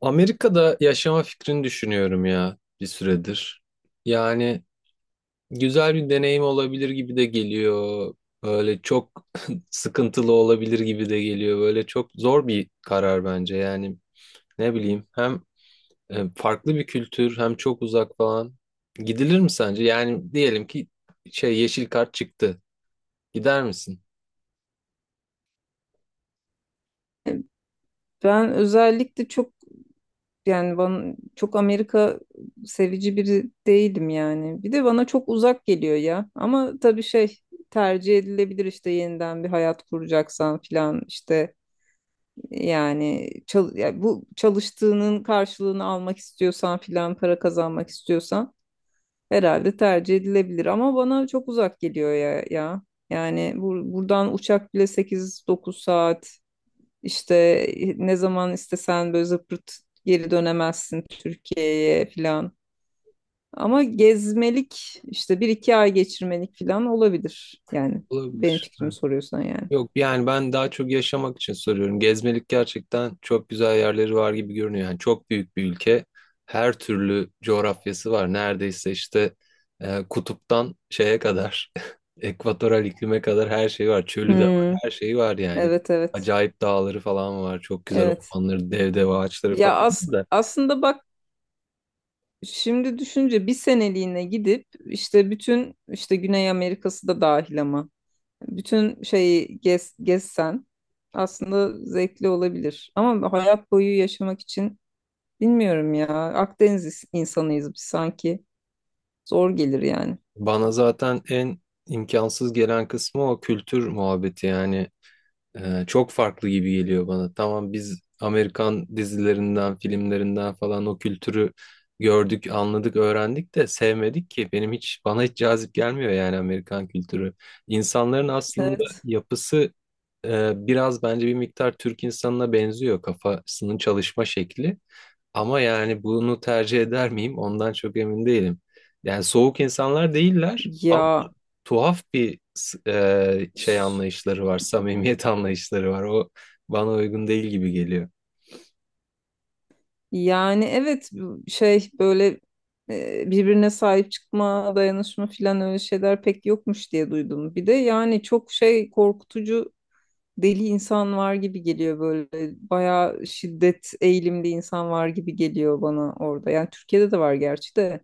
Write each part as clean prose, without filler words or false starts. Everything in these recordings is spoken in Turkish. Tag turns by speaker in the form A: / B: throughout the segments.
A: Amerika'da yaşama fikrini düşünüyorum ya bir süredir. Yani güzel bir deneyim olabilir gibi de geliyor. Böyle çok sıkıntılı olabilir gibi de geliyor. Böyle çok zor bir karar bence. Yani ne bileyim hem farklı bir kültür hem çok uzak falan. Gidilir mi sence? Yani diyelim ki şey yeşil kart çıktı. Gider misin?
B: Ben özellikle çok, yani bana çok Amerika sevici biri değilim yani. Bir de bana çok uzak geliyor ya. Ama tabii şey, tercih edilebilir işte, yeniden bir hayat kuracaksan filan, işte yani, ya, bu çalıştığının karşılığını almak istiyorsan filan, para kazanmak istiyorsan herhalde tercih edilebilir, ama bana çok uzak geliyor ya ya. Yani buradan uçak bile 8-9 saat, işte ne zaman istesen böyle zıpırt geri dönemezsin Türkiye'ye falan. Ama gezmelik, işte bir iki ay geçirmelik falan olabilir. Yani benim
A: Olabilir.
B: fikrimi soruyorsan yani.
A: Yok yani ben daha çok yaşamak için soruyorum. Gezmelik gerçekten çok güzel yerleri var gibi görünüyor. Yani çok büyük bir ülke. Her türlü coğrafyası var. Neredeyse işte kutuptan şeye kadar, ekvatoral iklime kadar her şey var. Çölü de var,
B: Hmm,
A: her şeyi var yani.
B: evet evet
A: Acayip dağları falan var. Çok güzel
B: evet.
A: ormanları, dev dev ağaçları
B: Ya,
A: falan var da.
B: aslında bak, şimdi düşünce bir seneliğine gidip işte bütün, işte Güney Amerika'sı da dahil, ama bütün şeyi gezsen aslında zevkli olabilir. Ama hayat boyu yaşamak için, bilmiyorum ya. Akdeniz insanıyız biz sanki. Zor gelir yani.
A: Bana zaten en imkansız gelen kısmı o kültür muhabbeti yani. Çok farklı gibi geliyor bana. Tamam biz Amerikan dizilerinden, filmlerinden falan o kültürü gördük, anladık, öğrendik de sevmedik ki. Benim hiç bana hiç cazip gelmiyor yani Amerikan kültürü. İnsanların aslında
B: Evet.
A: yapısı biraz bence bir miktar Türk insanına benziyor kafasının çalışma şekli. Ama yani bunu tercih eder miyim? Ondan çok emin değilim. Yani soğuk insanlar değiller,
B: Ya,
A: tuhaf bir şey
B: s-
A: anlayışları var, samimiyet anlayışları var. O bana uygun değil gibi geliyor.
B: yani evet, şey böyle, birbirine sahip çıkma, dayanışma filan, öyle şeyler pek yokmuş diye duydum. Bir de yani çok şey, korkutucu deli insan var gibi geliyor böyle. Bayağı şiddet eğilimli insan var gibi geliyor bana orada. Yani Türkiye'de de var gerçi de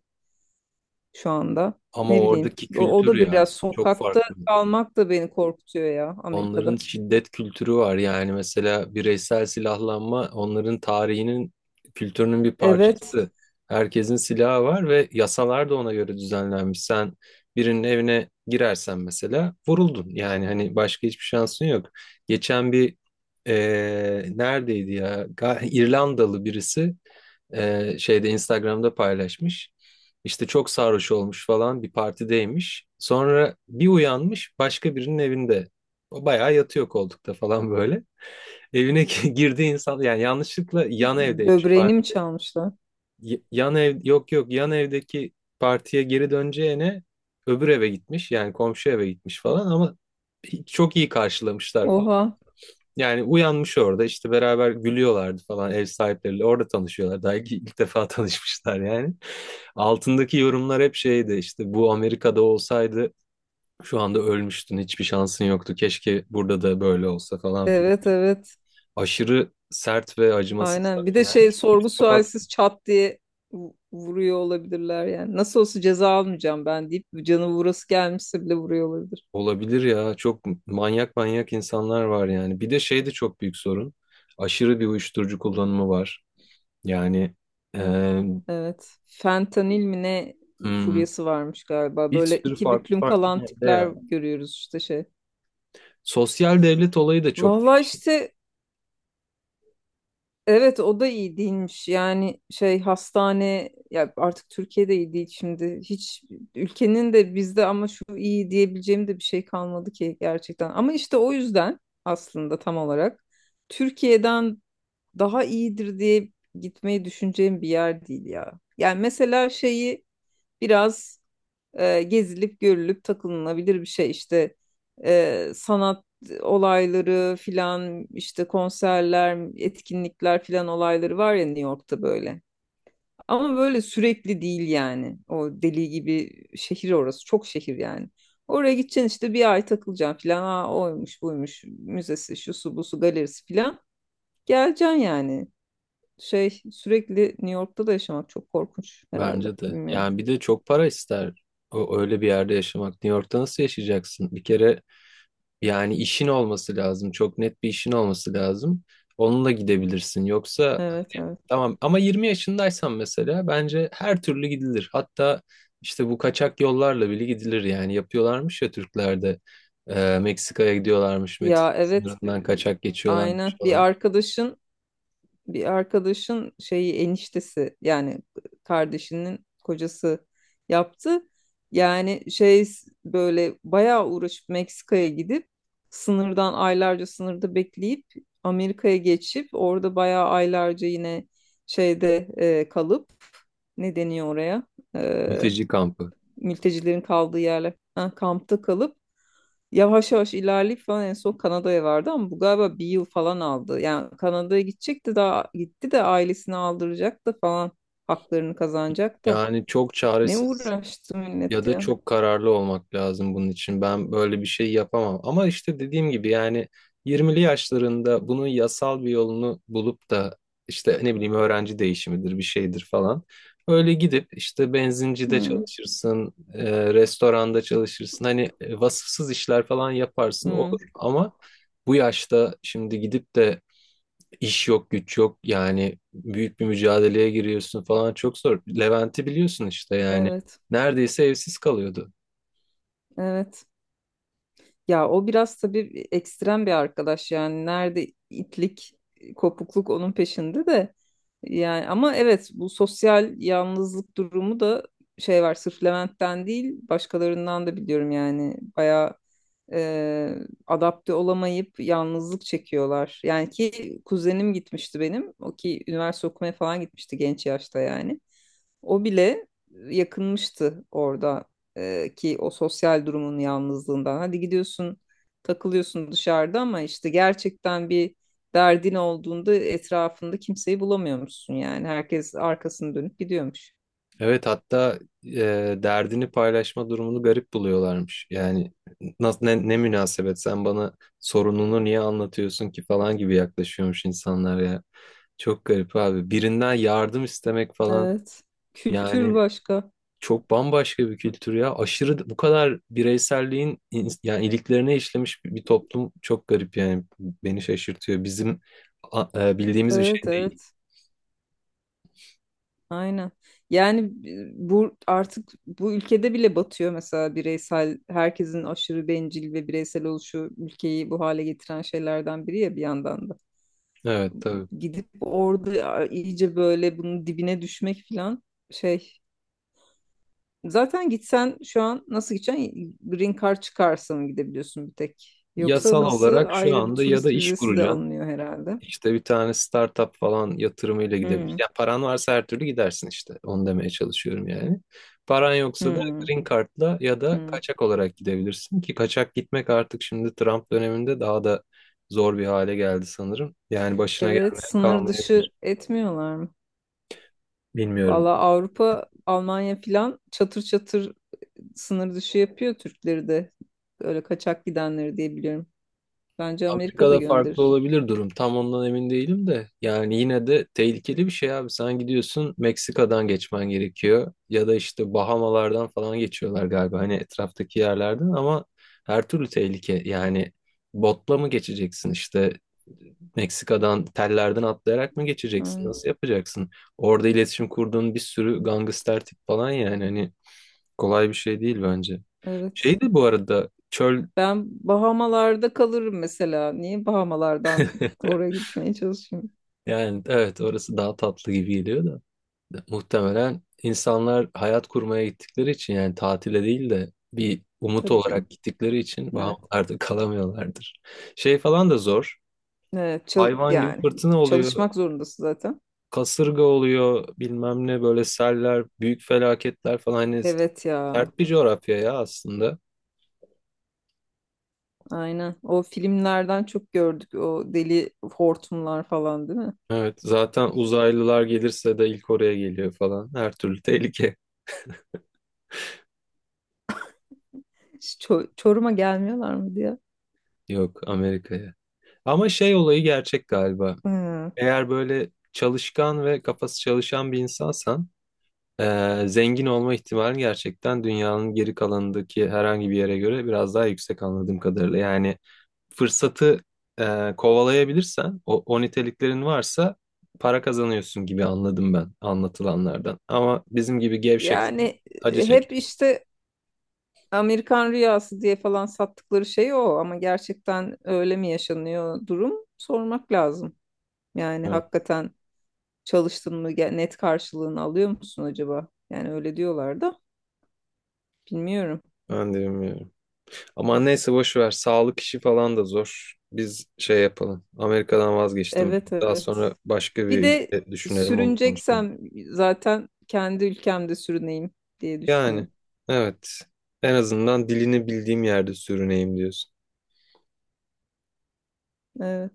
B: şu anda.
A: Ama
B: Ne bileyim.
A: oradaki
B: O
A: kültür
B: da biraz,
A: ya çok
B: sokakta
A: farklı.
B: kalmak da beni korkutuyor ya
A: Onların
B: Amerika'da.
A: şiddet kültürü var yani mesela bireysel silahlanma onların tarihinin kültürünün bir
B: Evet.
A: parçası. Herkesin silahı var ve yasalar da ona göre düzenlenmiş. Sen birinin evine girersen mesela vuruldun. Yani hani başka hiçbir şansın yok. Geçen bir neredeydi ya? İrlandalı birisi şeyde Instagram'da paylaşmış. İşte çok sarhoş olmuş falan bir partideymiş. Sonra bir uyanmış başka birinin evinde. O bayağı yatıyor koltukta falan böyle. Evine girdiği insan yani yanlışlıkla yan evdeymiş
B: Böbreğini mi
A: parti.
B: çalmışlar?
A: Yan ev, yok yok, yan evdeki partiye geri döneceğine öbür eve gitmiş yani komşu eve gitmiş falan ama çok iyi karşılamışlar
B: Oha.
A: yani uyanmış orada işte beraber gülüyorlardı falan ev sahipleriyle orada tanışıyorlar. Daha ilk defa tanışmışlar yani. Altındaki yorumlar hep şeydi işte bu Amerika'da olsaydı şu anda ölmüştün, hiçbir şansın yoktu. Keşke burada da böyle olsa falan filan.
B: Evet evet.
A: Aşırı sert ve acımasız
B: Aynen. Bir
A: böyle
B: de
A: yani.
B: şey, sorgu
A: Psikopat
B: sualsiz çat diye vuruyor olabilirler yani. Nasıl olsa ceza almayacağım ben deyip, canı vurası gelmişse bile vuruyor olabilir.
A: olabilir ya, çok manyak manyak insanlar var yani. Bir de şey de çok büyük sorun. Aşırı bir uyuşturucu kullanımı var. Yani eee,
B: Evet. Fentanil mi ne
A: hmm,
B: furyası varmış galiba.
A: bir
B: Böyle
A: sürü
B: iki
A: farklı
B: büklüm
A: farklı
B: kalan
A: madde ya.
B: tipler görüyoruz işte şey.
A: Sosyal devlet olayı da çok
B: Vallahi işte, evet, o da iyi değilmiş. Yani şey, hastane ya, artık Türkiye'de iyi değil şimdi. Hiç, ülkenin de bizde, ama şu iyi diyebileceğim de bir şey kalmadı ki gerçekten. Ama işte o yüzden aslında tam olarak Türkiye'den daha iyidir diye gitmeyi düşüneceğim bir yer değil ya. Yani mesela şeyi biraz, gezilip görülüp takılınabilir bir şey işte, sanat olayları filan, işte konserler, etkinlikler filan olayları var ya New York'ta böyle, ama böyle sürekli değil yani. O deli gibi şehir orası, çok şehir yani. Oraya gideceksin, işte bir ay takılacaksın filan, ha oymuş buymuş müzesi, şu su bu su galerisi filan, geleceksin yani. Şey, sürekli New York'ta da yaşamak çok korkunç herhalde,
A: bence de.
B: bilmiyorum.
A: Yani bir de çok para ister. O, öyle bir yerde yaşamak. New York'ta nasıl yaşayacaksın? Bir kere yani işin olması lazım. Çok net bir işin olması lazım. Onunla gidebilirsin. Yoksa
B: Evet evet.
A: tamam, ama 20 yaşındaysan mesela bence her türlü gidilir. Hatta işte bu kaçak yollarla bile gidilir yani. Yapıyorlarmış ya Türklerde. Meksika'ya gidiyorlarmış. Meksika
B: Ya evet.
A: sınırından kaçak geçiyorlarmış
B: Aynen. Bir
A: falan.
B: arkadaşın bir arkadaşın şeyi, eniştesi yani, kardeşinin kocası yaptı. Yani şey, böyle bayağı uğraşıp Meksika'ya gidip, sınırdan aylarca sınırda bekleyip, Amerika'ya geçip orada bayağı aylarca yine şeyde, kalıp, ne deniyor oraya? E,
A: Mülteci kampı.
B: mültecilerin kaldığı yerler. Ha, kampta kalıp yavaş yavaş ilerleyip falan, en son Kanada'ya vardı, ama bu galiba bir yıl falan aldı. Yani Kanada'ya gidecekti, daha gitti de, ailesini aldıracak da falan, haklarını kazanacak da.
A: Yani çok
B: Ne
A: çaresiz,
B: uğraştı
A: ya
B: millet
A: da
B: ya.
A: çok kararlı olmak lazım bunun için. Ben böyle bir şey yapamam. Ama işte dediğim gibi yani 20'li yaşlarında bunun yasal bir yolunu bulup da işte ne bileyim öğrenci değişimidir bir şeydir falan. Öyle gidip işte benzincide
B: Hı,
A: çalışırsın, restoranda çalışırsın. Hani vasıfsız işler falan yaparsın
B: hı.
A: olur. Ama bu yaşta şimdi gidip de İş yok, güç yok. Yani büyük bir mücadeleye giriyorsun falan, çok zor. Levent'i biliyorsun işte yani.
B: Evet.
A: Neredeyse evsiz kalıyordu.
B: Evet. Ya o biraz tabii ekstrem bir arkadaş yani, nerede itlik, kopukluk onun peşinde de. Yani ama evet, bu sosyal yalnızlık durumu da şey, var, sırf Levent'ten değil, başkalarından da biliyorum yani. Bayağı, e, adapte olamayıp yalnızlık çekiyorlar. Yani ki kuzenim gitmişti benim, o ki üniversite okumaya falan gitmişti genç yaşta yani. O bile yakınmıştı orada, ki o sosyal durumun yalnızlığından. Hadi gidiyorsun, takılıyorsun dışarıda, ama işte gerçekten bir derdin olduğunda etrafında kimseyi bulamıyormuşsun yani. Herkes arkasını dönüp gidiyormuş.
A: Evet, hatta derdini paylaşma durumunu garip buluyorlarmış. Yani nasıl, ne münasebet sen bana sorununu niye anlatıyorsun ki falan gibi yaklaşıyormuş insanlar ya. Çok garip abi. Birinden yardım istemek falan
B: Evet. Kültür
A: yani.
B: başka.
A: Çok bambaşka bir kültür ya. Aşırı bu kadar bireyselliğin yani iliklerine işlemiş bir toplum, çok garip yani, beni şaşırtıyor. Bizim bildiğimiz bir
B: Evet,
A: şey değil.
B: evet. Aynen. Yani bu artık bu ülkede bile batıyor mesela, bireysel, herkesin aşırı bencil ve bireysel oluşu ülkeyi bu hale getiren şeylerden biri ya bir yandan da.
A: Evet tabii.
B: Gidip orada iyice böyle bunun dibine düşmek falan, şey. Zaten gitsen şu an nasıl gideceksin? Green Card çıkarsa mı gidebiliyorsun bir tek?
A: Yasal
B: Yoksa nasıl,
A: olarak şu
B: ayrı bir
A: anda ya da
B: turist
A: iş
B: vizesi de
A: kuracaksın.
B: alınıyor herhalde.
A: İşte bir tane startup falan yatırımıyla gidebilir.
B: Hmm,
A: Yani paran varsa her türlü gidersin işte. Onu demeye çalışıyorum yani. Paran yoksa da
B: hmm,
A: green card'la ya da
B: hmm.
A: kaçak olarak gidebilirsin ki kaçak gitmek artık şimdi Trump döneminde daha da zor bir hale geldi sanırım. Yani başına
B: Evet,
A: gelmeyen
B: sınır
A: kalmayabilir.
B: dışı etmiyorlar mı?
A: Bilmiyorum.
B: Valla Avrupa, Almanya filan çatır çatır sınır dışı yapıyor Türkleri de. Öyle kaçak gidenleri diye biliyorum. Bence Amerika da
A: Afrika'da farklı
B: gönderir.
A: olabilir durum. Tam ondan emin değilim de. Yani yine de tehlikeli bir şey abi. Sen gidiyorsun, Meksika'dan geçmen gerekiyor. Ya da işte Bahamalardan falan geçiyorlar galiba. Hani etraftaki yerlerden, ama her türlü tehlike. Yani botla mı geçeceksin, işte Meksika'dan tellerden atlayarak mı geçeceksin?
B: Hmm,
A: Nasıl yapacaksın? Orada iletişim kurduğun bir sürü gangster tip falan yani, hani kolay bir şey değil bence.
B: evet.
A: Şeydi bu arada çöl.
B: Ben Bahamalarda kalırım mesela. Niye Bahamalardan oraya gitmeye çalışayım?
A: Yani evet, orası daha tatlı gibi geliyor da muhtemelen insanlar hayat kurmaya gittikleri için, yani tatile değil de bir umut
B: Tabii canım.
A: olarak gittikleri için
B: Evet.
A: vahamlarda kalamıyorlardır. Şey falan da zor.
B: Evet,
A: Hayvan gibi
B: yani
A: fırtına oluyor,
B: çalışmak zorundasın zaten.
A: kasırga oluyor, bilmem ne, böyle seller, büyük felaketler falan, hani
B: Evet ya.
A: sert bir coğrafya ya aslında.
B: Aynen. O filmlerden çok gördük o deli hortumlar falan, değil mi?
A: Evet zaten uzaylılar gelirse de ilk oraya geliyor falan. Her türlü tehlike
B: Çorum'a gelmiyorlar mı diye.
A: yok Amerika'ya. Ama şey olayı gerçek galiba.
B: Hı.
A: Eğer böyle çalışkan ve kafası çalışan bir insansan, zengin olma ihtimalin gerçekten dünyanın geri kalanındaki herhangi bir yere göre biraz daha yüksek anladığım kadarıyla. Yani fırsatı kovalayabilirsen, o niteliklerin varsa para kazanıyorsun gibi anladım ben anlatılanlardan. Ama bizim gibi gevşek,
B: Yani
A: acı
B: hep
A: çekersin.
B: işte Amerikan rüyası diye falan sattıkları şey o, ama gerçekten öyle mi yaşanıyor, durum sormak lazım. Yani
A: Evet,
B: hakikaten çalıştın mı net karşılığını alıyor musun acaba? Yani öyle diyorlar da bilmiyorum.
A: ben de bilmiyorum. Ama neyse boş ver. Sağlık işi falan da zor. Biz şey yapalım. Amerika'dan vazgeçtim.
B: Evet
A: Daha
B: evet.
A: sonra başka bir
B: Bir de
A: ülke düşünelim, onu konuşalım.
B: sürüneceksem zaten kendi ülkemde sürüneyim diye
A: Yani
B: düşünüyorum.
A: evet. En azından dilini bildiğim yerde sürüneyim diyorsun.
B: Evet.